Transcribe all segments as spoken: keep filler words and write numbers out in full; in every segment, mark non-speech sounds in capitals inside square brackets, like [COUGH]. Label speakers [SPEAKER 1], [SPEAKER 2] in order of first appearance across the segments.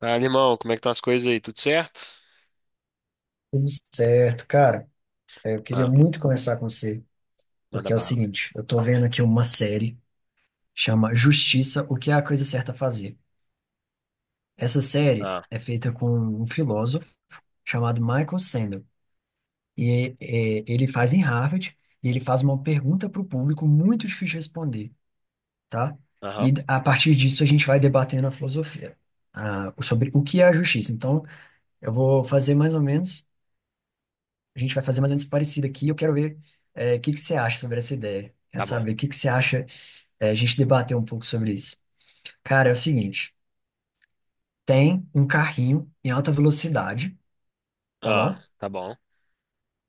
[SPEAKER 1] Ah, animal, como é que estão as coisas aí? Tudo certo?
[SPEAKER 2] Tudo certo, cara. É, Eu queria
[SPEAKER 1] Ah,
[SPEAKER 2] muito conversar com você,
[SPEAKER 1] manda
[SPEAKER 2] porque é o
[SPEAKER 1] bala.
[SPEAKER 2] seguinte, eu tô vendo aqui uma série chama Justiça, o que é a coisa certa a fazer. Essa série
[SPEAKER 1] Ah,
[SPEAKER 2] é feita com um filósofo chamado Michael Sandel, e é, ele faz em Harvard, e ele faz uma pergunta para o público muito difícil de responder, tá?
[SPEAKER 1] aham,
[SPEAKER 2] E a partir disso a gente vai debatendo a filosofia, ah, sobre o que é a justiça. Então, eu vou fazer mais ou menos a gente vai fazer mais ou menos parecido aqui. Eu quero ver é, o que que você acha sobre essa ideia. Quero
[SPEAKER 1] tá bom.
[SPEAKER 2] saber o que que você acha, é, a gente debater um pouco sobre isso. Cara, é o seguinte, tem um carrinho em alta velocidade, tá
[SPEAKER 1] Ah,
[SPEAKER 2] bom?
[SPEAKER 1] tá bom.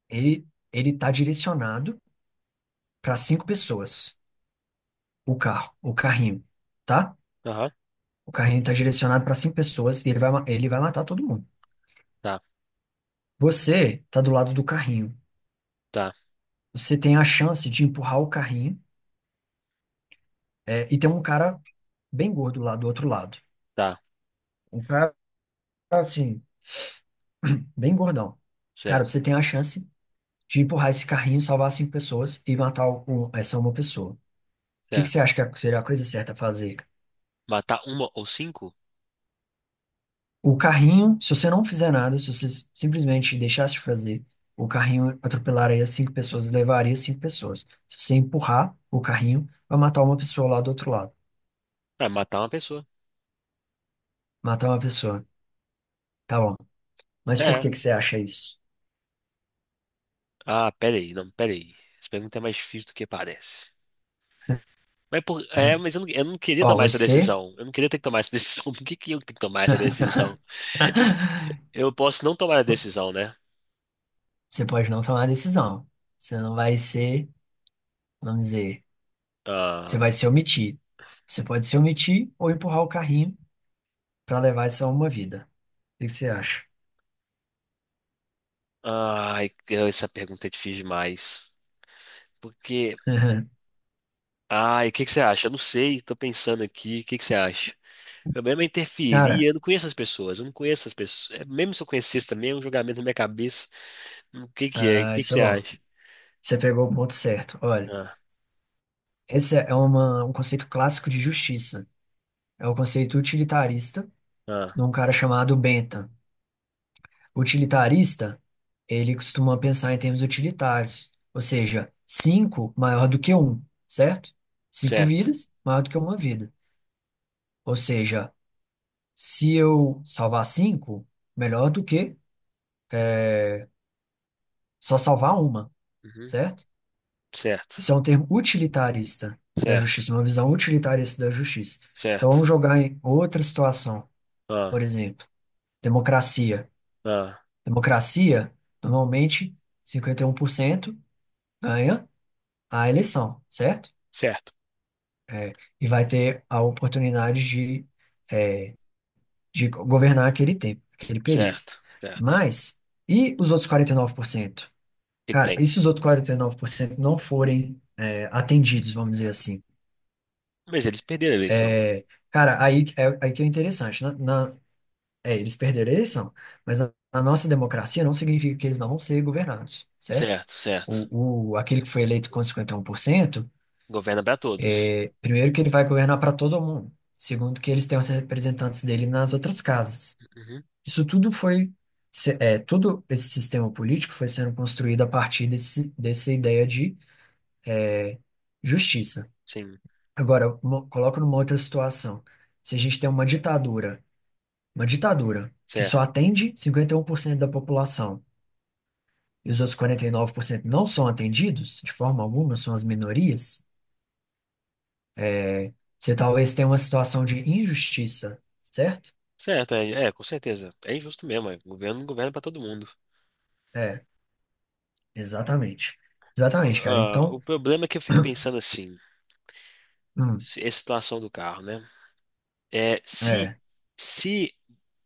[SPEAKER 2] Ele ele tá direcionado para cinco pessoas, o carro, o carrinho, tá?
[SPEAKER 1] Aham,
[SPEAKER 2] O carrinho tá direcionado para cinco pessoas e ele vai ma- ele vai matar todo mundo.
[SPEAKER 1] tá,
[SPEAKER 2] Você tá do lado do carrinho.
[SPEAKER 1] tá,
[SPEAKER 2] Você tem a chance de empurrar o carrinho, é, e tem um cara bem gordo lá do outro lado.
[SPEAKER 1] tá.
[SPEAKER 2] Um cara assim bem gordão. Cara,
[SPEAKER 1] Certo,
[SPEAKER 2] você tem a chance de empurrar esse carrinho, salvar cinco pessoas e matar um- essa uma pessoa. O que que você
[SPEAKER 1] certo.
[SPEAKER 2] acha que é- seria a coisa certa a fazer?
[SPEAKER 1] Matar uma ou cinco?
[SPEAKER 2] O carrinho, se você não fizer nada, se você simplesmente deixasse de fazer, o carrinho atropelaria cinco pessoas e levaria cinco pessoas. Se você empurrar o carrinho, vai matar uma pessoa lá do outro lado.
[SPEAKER 1] Ah, matar uma pessoa.
[SPEAKER 2] Matar uma pessoa. Tá bom. Mas por
[SPEAKER 1] É.
[SPEAKER 2] que que você acha isso?
[SPEAKER 1] Ah, peraí, não, peraí. Essa pergunta é mais difícil do que parece. Mas, por, é,
[SPEAKER 2] [LAUGHS]
[SPEAKER 1] mas eu não, eu não queria
[SPEAKER 2] Ó,
[SPEAKER 1] tomar essa
[SPEAKER 2] você.
[SPEAKER 1] decisão. Eu não queria ter que tomar essa [LAUGHS] decisão. Por que que eu tenho que tomar essa decisão?
[SPEAKER 2] [LAUGHS]
[SPEAKER 1] Eu posso não tomar a decisão, né?
[SPEAKER 2] Você pode não tomar decisão. Você não vai ser, vamos dizer. Você
[SPEAKER 1] Ah,
[SPEAKER 2] vai se omitir. Você pode se omitir ou empurrar o carrinho para levar essa uma vida. O que que você acha?
[SPEAKER 1] ai, essa pergunta é difícil demais. Porque.
[SPEAKER 2] [LAUGHS]
[SPEAKER 1] Ah, e o que que você acha? Eu não sei, tô pensando aqui, o que que você acha? Eu mesmo interferia,
[SPEAKER 2] Cara,
[SPEAKER 1] eu não conheço as pessoas, eu não conheço as pessoas. É, mesmo se eu conhecesse também, é um julgamento na minha cabeça. Hum, O que que é? O
[SPEAKER 2] ah,
[SPEAKER 1] que que
[SPEAKER 2] isso é
[SPEAKER 1] você
[SPEAKER 2] bom.
[SPEAKER 1] acha?
[SPEAKER 2] Você pegou o ponto certo. Olha,
[SPEAKER 1] Ah,
[SPEAKER 2] esse é uma, um conceito clássico de justiça. É o conceito utilitarista
[SPEAKER 1] ah,
[SPEAKER 2] de um cara chamado Bentham. Utilitarista, ele costuma pensar em termos utilitários, ou seja, cinco maior do que um, certo? Cinco
[SPEAKER 1] certo.
[SPEAKER 2] vidas maior do que uma vida. Ou seja, se eu salvar cinco, melhor do que é, só salvar uma,
[SPEAKER 1] Uhum,
[SPEAKER 2] certo?
[SPEAKER 1] certo,
[SPEAKER 2] Isso é um termo utilitarista da
[SPEAKER 1] certo,
[SPEAKER 2] justiça, uma visão utilitarista da justiça. Então,
[SPEAKER 1] certo.
[SPEAKER 2] vamos jogar em outra situação, por
[SPEAKER 1] Ah,
[SPEAKER 2] exemplo, democracia.
[SPEAKER 1] ah,
[SPEAKER 2] Democracia, normalmente, cinquenta e um por cento ganha a eleição, certo?
[SPEAKER 1] certo,
[SPEAKER 2] E vai ter a oportunidade de, de governar aquele tempo, aquele período.
[SPEAKER 1] certo, certo. O
[SPEAKER 2] Mas, e os outros quarenta e nove por cento?
[SPEAKER 1] que que
[SPEAKER 2] Cara,
[SPEAKER 1] tem?
[SPEAKER 2] e se os outros quarenta e nove por cento não forem, é, atendidos, vamos dizer assim?
[SPEAKER 1] Mas eles perderam a eleição.
[SPEAKER 2] É, cara, aí, é, aí que é interessante. Na, na- é, eles perderam a eleição, mas na, na nossa democracia não significa que eles não vão ser governados, certo?
[SPEAKER 1] Certo, certo.
[SPEAKER 2] O, o, aquele que foi eleito com um cinquenta e um por cento,
[SPEAKER 1] Governa para todos.
[SPEAKER 2] é, primeiro que ele vai governar para todo mundo. Segundo que eles têm os representantes dele nas outras casas.
[SPEAKER 1] Uhum,
[SPEAKER 2] Isso tudo foi, se- é, todo esse sistema político foi sendo construído a partir desse, dessa ideia de justiça.
[SPEAKER 1] sim,
[SPEAKER 2] Agora, mo- coloco numa outra situação. Se a gente tem uma ditadura Uma ditadura que só
[SPEAKER 1] certo.
[SPEAKER 2] atende cinquenta e um por cento da população e os outros quarenta e nove por cento não são atendidos, de forma alguma, são as minorias, você talvez tenha uma situação de injustiça, certo?
[SPEAKER 1] Certo, é, é, com certeza. É injusto mesmo, é. Governo governa para todo mundo.
[SPEAKER 2] É, exatamente. Exatamente, cara.
[SPEAKER 1] Ah, o
[SPEAKER 2] Então,
[SPEAKER 1] problema é que eu fico pensando assim,
[SPEAKER 2] hum,
[SPEAKER 1] se- é a situação do carro, né? É, se
[SPEAKER 2] é,
[SPEAKER 1] se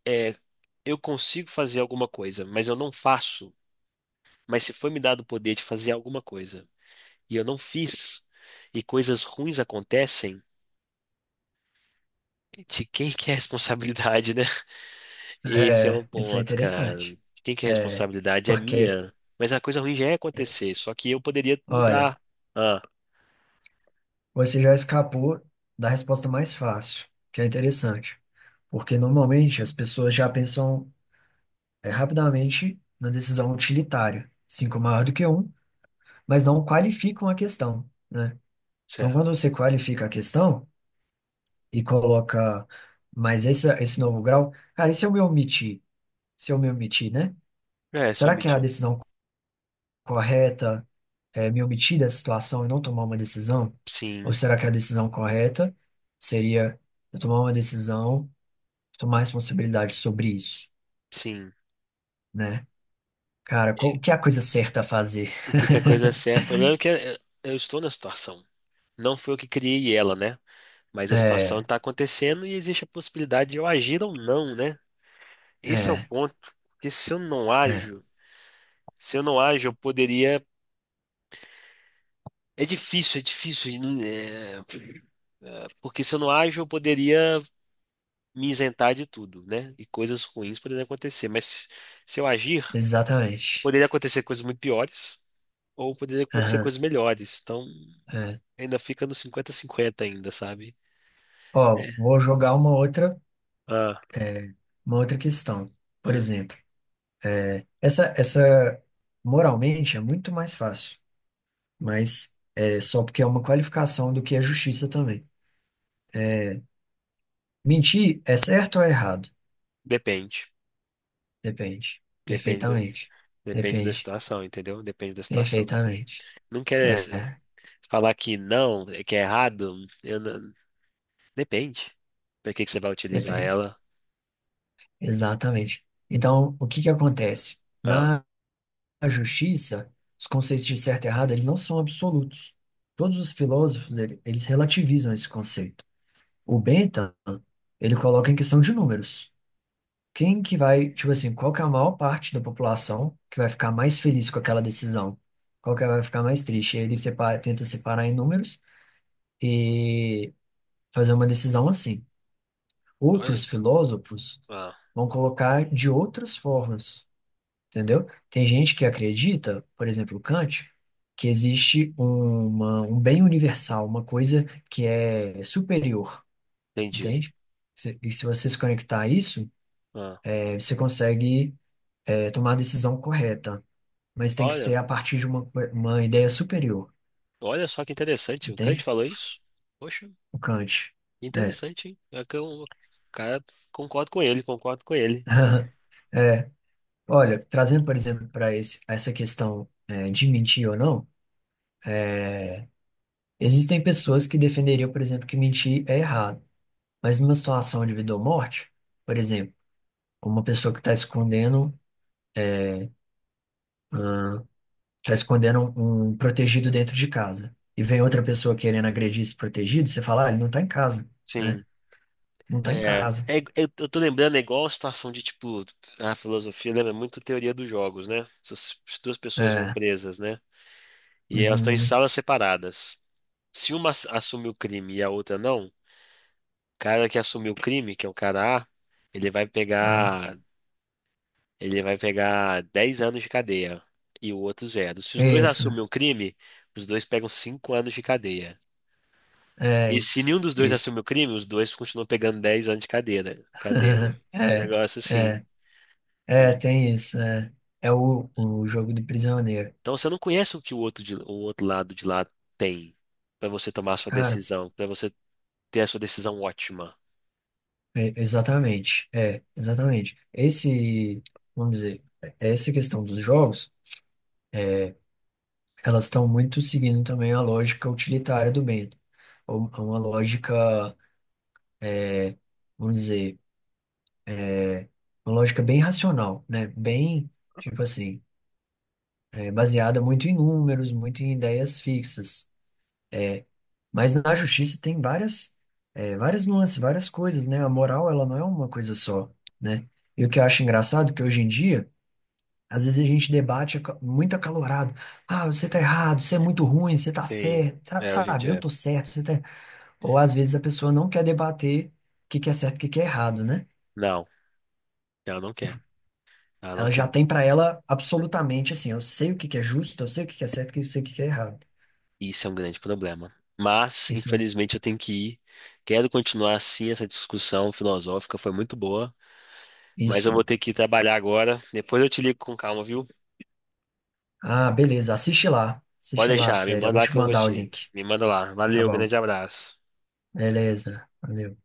[SPEAKER 1] é, eu consigo fazer alguma coisa, mas eu não faço, mas se foi me dado o poder de fazer alguma coisa e eu não fiz, e coisas ruins acontecem, de quem que é a responsabilidade, né? [LAUGHS] Esse é o
[SPEAKER 2] é, isso é
[SPEAKER 1] ponto, cara.
[SPEAKER 2] interessante.
[SPEAKER 1] De quem que é a
[SPEAKER 2] É,
[SPEAKER 1] responsabilidade? É
[SPEAKER 2] porque,
[SPEAKER 1] minha. Mas a coisa ruim já ia acontecer, só que eu poderia
[SPEAKER 2] olha,
[SPEAKER 1] mudar. Ah,
[SPEAKER 2] você já escapou da resposta mais fácil, que é interessante. Porque normalmente as pessoas já pensam é, rapidamente na decisão utilitária. Cinco é maior do que um, mas não qualificam a questão, né? Então, quando
[SPEAKER 1] certo.
[SPEAKER 2] você qualifica a questão e coloca mais essa, esse novo grau, cara, e se eu me omitir? Se eu me omitir, né?
[SPEAKER 1] É, se eu
[SPEAKER 2] Será que é a
[SPEAKER 1] omitir.
[SPEAKER 2] decisão correta é me omitir da situação e não tomar uma decisão? Ou
[SPEAKER 1] Sim,
[SPEAKER 2] será que a decisão correta seria eu tomar uma decisão, tomar responsabilidade sobre isso,
[SPEAKER 1] sim.
[SPEAKER 2] né? Cara, qual, o que é a coisa certa a fazer?
[SPEAKER 1] O que que a coisa é certa? O problema é que eh, eu estou na situação. Não fui eu que criei ela, né? Mas
[SPEAKER 2] [LAUGHS]
[SPEAKER 1] a situação
[SPEAKER 2] É.
[SPEAKER 1] está acontecendo e existe a possibilidade de eu agir ou não, né? Esse é o
[SPEAKER 2] É.
[SPEAKER 1] ponto. Porque se eu não
[SPEAKER 2] É,
[SPEAKER 1] ajo, se eu não ajo, eu poderia. É difícil, é difícil. não- é, Porque se eu não ajo, eu poderia me isentar de tudo, né? E coisas ruins poderiam acontecer. Mas se eu agir,
[SPEAKER 2] exatamente.
[SPEAKER 1] poderia acontecer coisas muito piores ou poderia acontecer
[SPEAKER 2] Aham,
[SPEAKER 1] coisas melhores. Então
[SPEAKER 2] é.
[SPEAKER 1] ainda fica no cinquenta cinquenta ainda, sabe?
[SPEAKER 2] Ó,
[SPEAKER 1] É.
[SPEAKER 2] vou jogar uma outra,
[SPEAKER 1] Ah.
[SPEAKER 2] é, uma outra questão. Por
[SPEAKER 1] Hum,
[SPEAKER 2] exemplo, é, essa, essa moralmente é muito mais fácil, mas é só porque é uma qualificação do que é justiça também. É, mentir é certo ou é errado?
[SPEAKER 1] depende.
[SPEAKER 2] Depende.
[SPEAKER 1] Depende da,
[SPEAKER 2] Perfeitamente.
[SPEAKER 1] depende da
[SPEAKER 2] Depende.
[SPEAKER 1] situação, entendeu? Depende da situação.
[SPEAKER 2] Perfeitamente.
[SPEAKER 1] Não quer se-
[SPEAKER 2] É,
[SPEAKER 1] falar que não, que é errado. Eu não- depende. Pra que que você vai utilizar
[SPEAKER 2] depende.
[SPEAKER 1] ela?
[SPEAKER 2] Exatamente. Então, o que que acontece?
[SPEAKER 1] Ah,
[SPEAKER 2] A justiça, os conceitos de certo e errado, eles não são absolutos. Todos os filósofos, ele- eles relativizam esse conceito. O Bentham, ele coloca em questão de números. Quem que vai, tipo assim, qual que é a maior parte da população que vai ficar mais feliz com aquela decisão? Qual que vai ficar mais triste? Ele separa, tenta separar em números e fazer uma decisão assim.
[SPEAKER 1] olha.
[SPEAKER 2] Outros filósofos
[SPEAKER 1] Ah,
[SPEAKER 2] vão colocar de outras formas. Entendeu? Tem gente que acredita, por exemplo, Kant, que existe uma, um bem universal, uma coisa que é superior,
[SPEAKER 1] entendi.
[SPEAKER 2] entende? Se- E se você se conectar a isso,
[SPEAKER 1] Ah,
[SPEAKER 2] eh, você consegue eh, tomar a decisão correta, mas tem que
[SPEAKER 1] olha.
[SPEAKER 2] ser a partir de uma, co- uma ideia superior,
[SPEAKER 1] Olha só que interessante. O Kant
[SPEAKER 2] entende?
[SPEAKER 1] falou isso? Poxa,
[SPEAKER 2] O Kant. É.
[SPEAKER 1] interessante, hein? É que eu, cara, concordo com ele, concordo com ele.
[SPEAKER 2] [LAUGHS] É. Olha, trazendo, por exemplo, para esse essa questão eh, de mentir ou não, existem pessoas que defenderiam, por exemplo, que mentir é errado. Mas numa situação de vida ou morte, por exemplo, uma pessoa que está escondendo, tá
[SPEAKER 1] Que-
[SPEAKER 2] escondendo um um protegido dentro de casa e vem outra pessoa querendo agredir esse protegido, você fala, ah, ele não tá em casa, né?
[SPEAKER 1] Sim.
[SPEAKER 2] Não tá em
[SPEAKER 1] É,
[SPEAKER 2] casa.
[SPEAKER 1] é ig- eu, eu tô lembrando, é igual a situação de, tipo, a filosofia lembra muito teoria dos jogos, né? Se as duas pessoas vão
[SPEAKER 2] É.
[SPEAKER 1] presas, né? E elas estão em
[SPEAKER 2] Uhum.
[SPEAKER 1] salas separadas. Se uma ass- assume o crime e a outra não, o cara que assumiu o crime, que é o cara A, ele vai
[SPEAKER 2] Aham.
[SPEAKER 1] pegar, ele vai pegar dez anos de cadeia e o outro zero. Se os dois
[SPEAKER 2] Isso.
[SPEAKER 1] assumem o crime, os dois pegam cinco anos de cadeia.
[SPEAKER 2] É
[SPEAKER 1] E se
[SPEAKER 2] isso.
[SPEAKER 1] nenhum dos dois assume
[SPEAKER 2] Isso.
[SPEAKER 1] o crime, os dois continuam pegando dez anos de cadeira. Cadeira.
[SPEAKER 2] [LAUGHS]
[SPEAKER 1] É um
[SPEAKER 2] É.
[SPEAKER 1] negócio assim.
[SPEAKER 2] É. É, tem isso. É, é o, o jogo do prisioneiro.
[SPEAKER 1] Então você não conhece o que o outro, de- o outro lado de lá tem para você tomar a sua
[SPEAKER 2] Cara,
[SPEAKER 1] decisão, para você ter a sua decisão ótima.
[SPEAKER 2] é- exatamente. É, exatamente. Esse, vamos dizer, é essa questão dos jogos elas estão muito seguindo também a lógica utilitária do bem, ou- uma lógica, é, vamos dizer, uma lógica bem racional, né? Bem, tipo assim, é, baseada muito em números, muito em ideias fixas. Mas na justiça tem várias, é, várias nuances, várias coisas, né? A moral, ela não é uma coisa só, né? E o que eu acho engraçado é que hoje em dia, às vezes a gente debate aca- muito acalorado. Ah, você tá errado, você é muito ruim, você tá
[SPEAKER 1] Sim,
[SPEAKER 2] certo, sa-
[SPEAKER 1] é, hoje em
[SPEAKER 2] sabe? Eu
[SPEAKER 1] dia.
[SPEAKER 2] tô certo, você tá. Ou às vezes a pessoa não quer debater o que que é certo e o que que é errado, né?
[SPEAKER 1] Não, ela não quer. Ela não
[SPEAKER 2] Ela já
[SPEAKER 1] quer.
[SPEAKER 2] tem para ela absolutamente assim, eu sei o que que é justo, eu sei o que que é certo, eu sei o que que é errado.
[SPEAKER 1] Isso é um grande problema. Mas,
[SPEAKER 2] Isso.
[SPEAKER 1] infelizmente, eu tenho que ir. Quero continuar assim essa discussão filosófica, foi muito boa. Mas eu
[SPEAKER 2] Isso.
[SPEAKER 1] vou ter que ir trabalhar agora. Depois eu te ligo com calma, viu?
[SPEAKER 2] Ah, beleza, assiste lá.
[SPEAKER 1] Pode
[SPEAKER 2] Assiste lá,
[SPEAKER 1] deixar, me
[SPEAKER 2] sério. Eu
[SPEAKER 1] manda
[SPEAKER 2] vou
[SPEAKER 1] lá que
[SPEAKER 2] te
[SPEAKER 1] eu vou
[SPEAKER 2] mandar o
[SPEAKER 1] assistir.
[SPEAKER 2] link.
[SPEAKER 1] Me manda lá.
[SPEAKER 2] Tá
[SPEAKER 1] Valeu,
[SPEAKER 2] bom.
[SPEAKER 1] grande abraço.
[SPEAKER 2] Beleza. Valeu.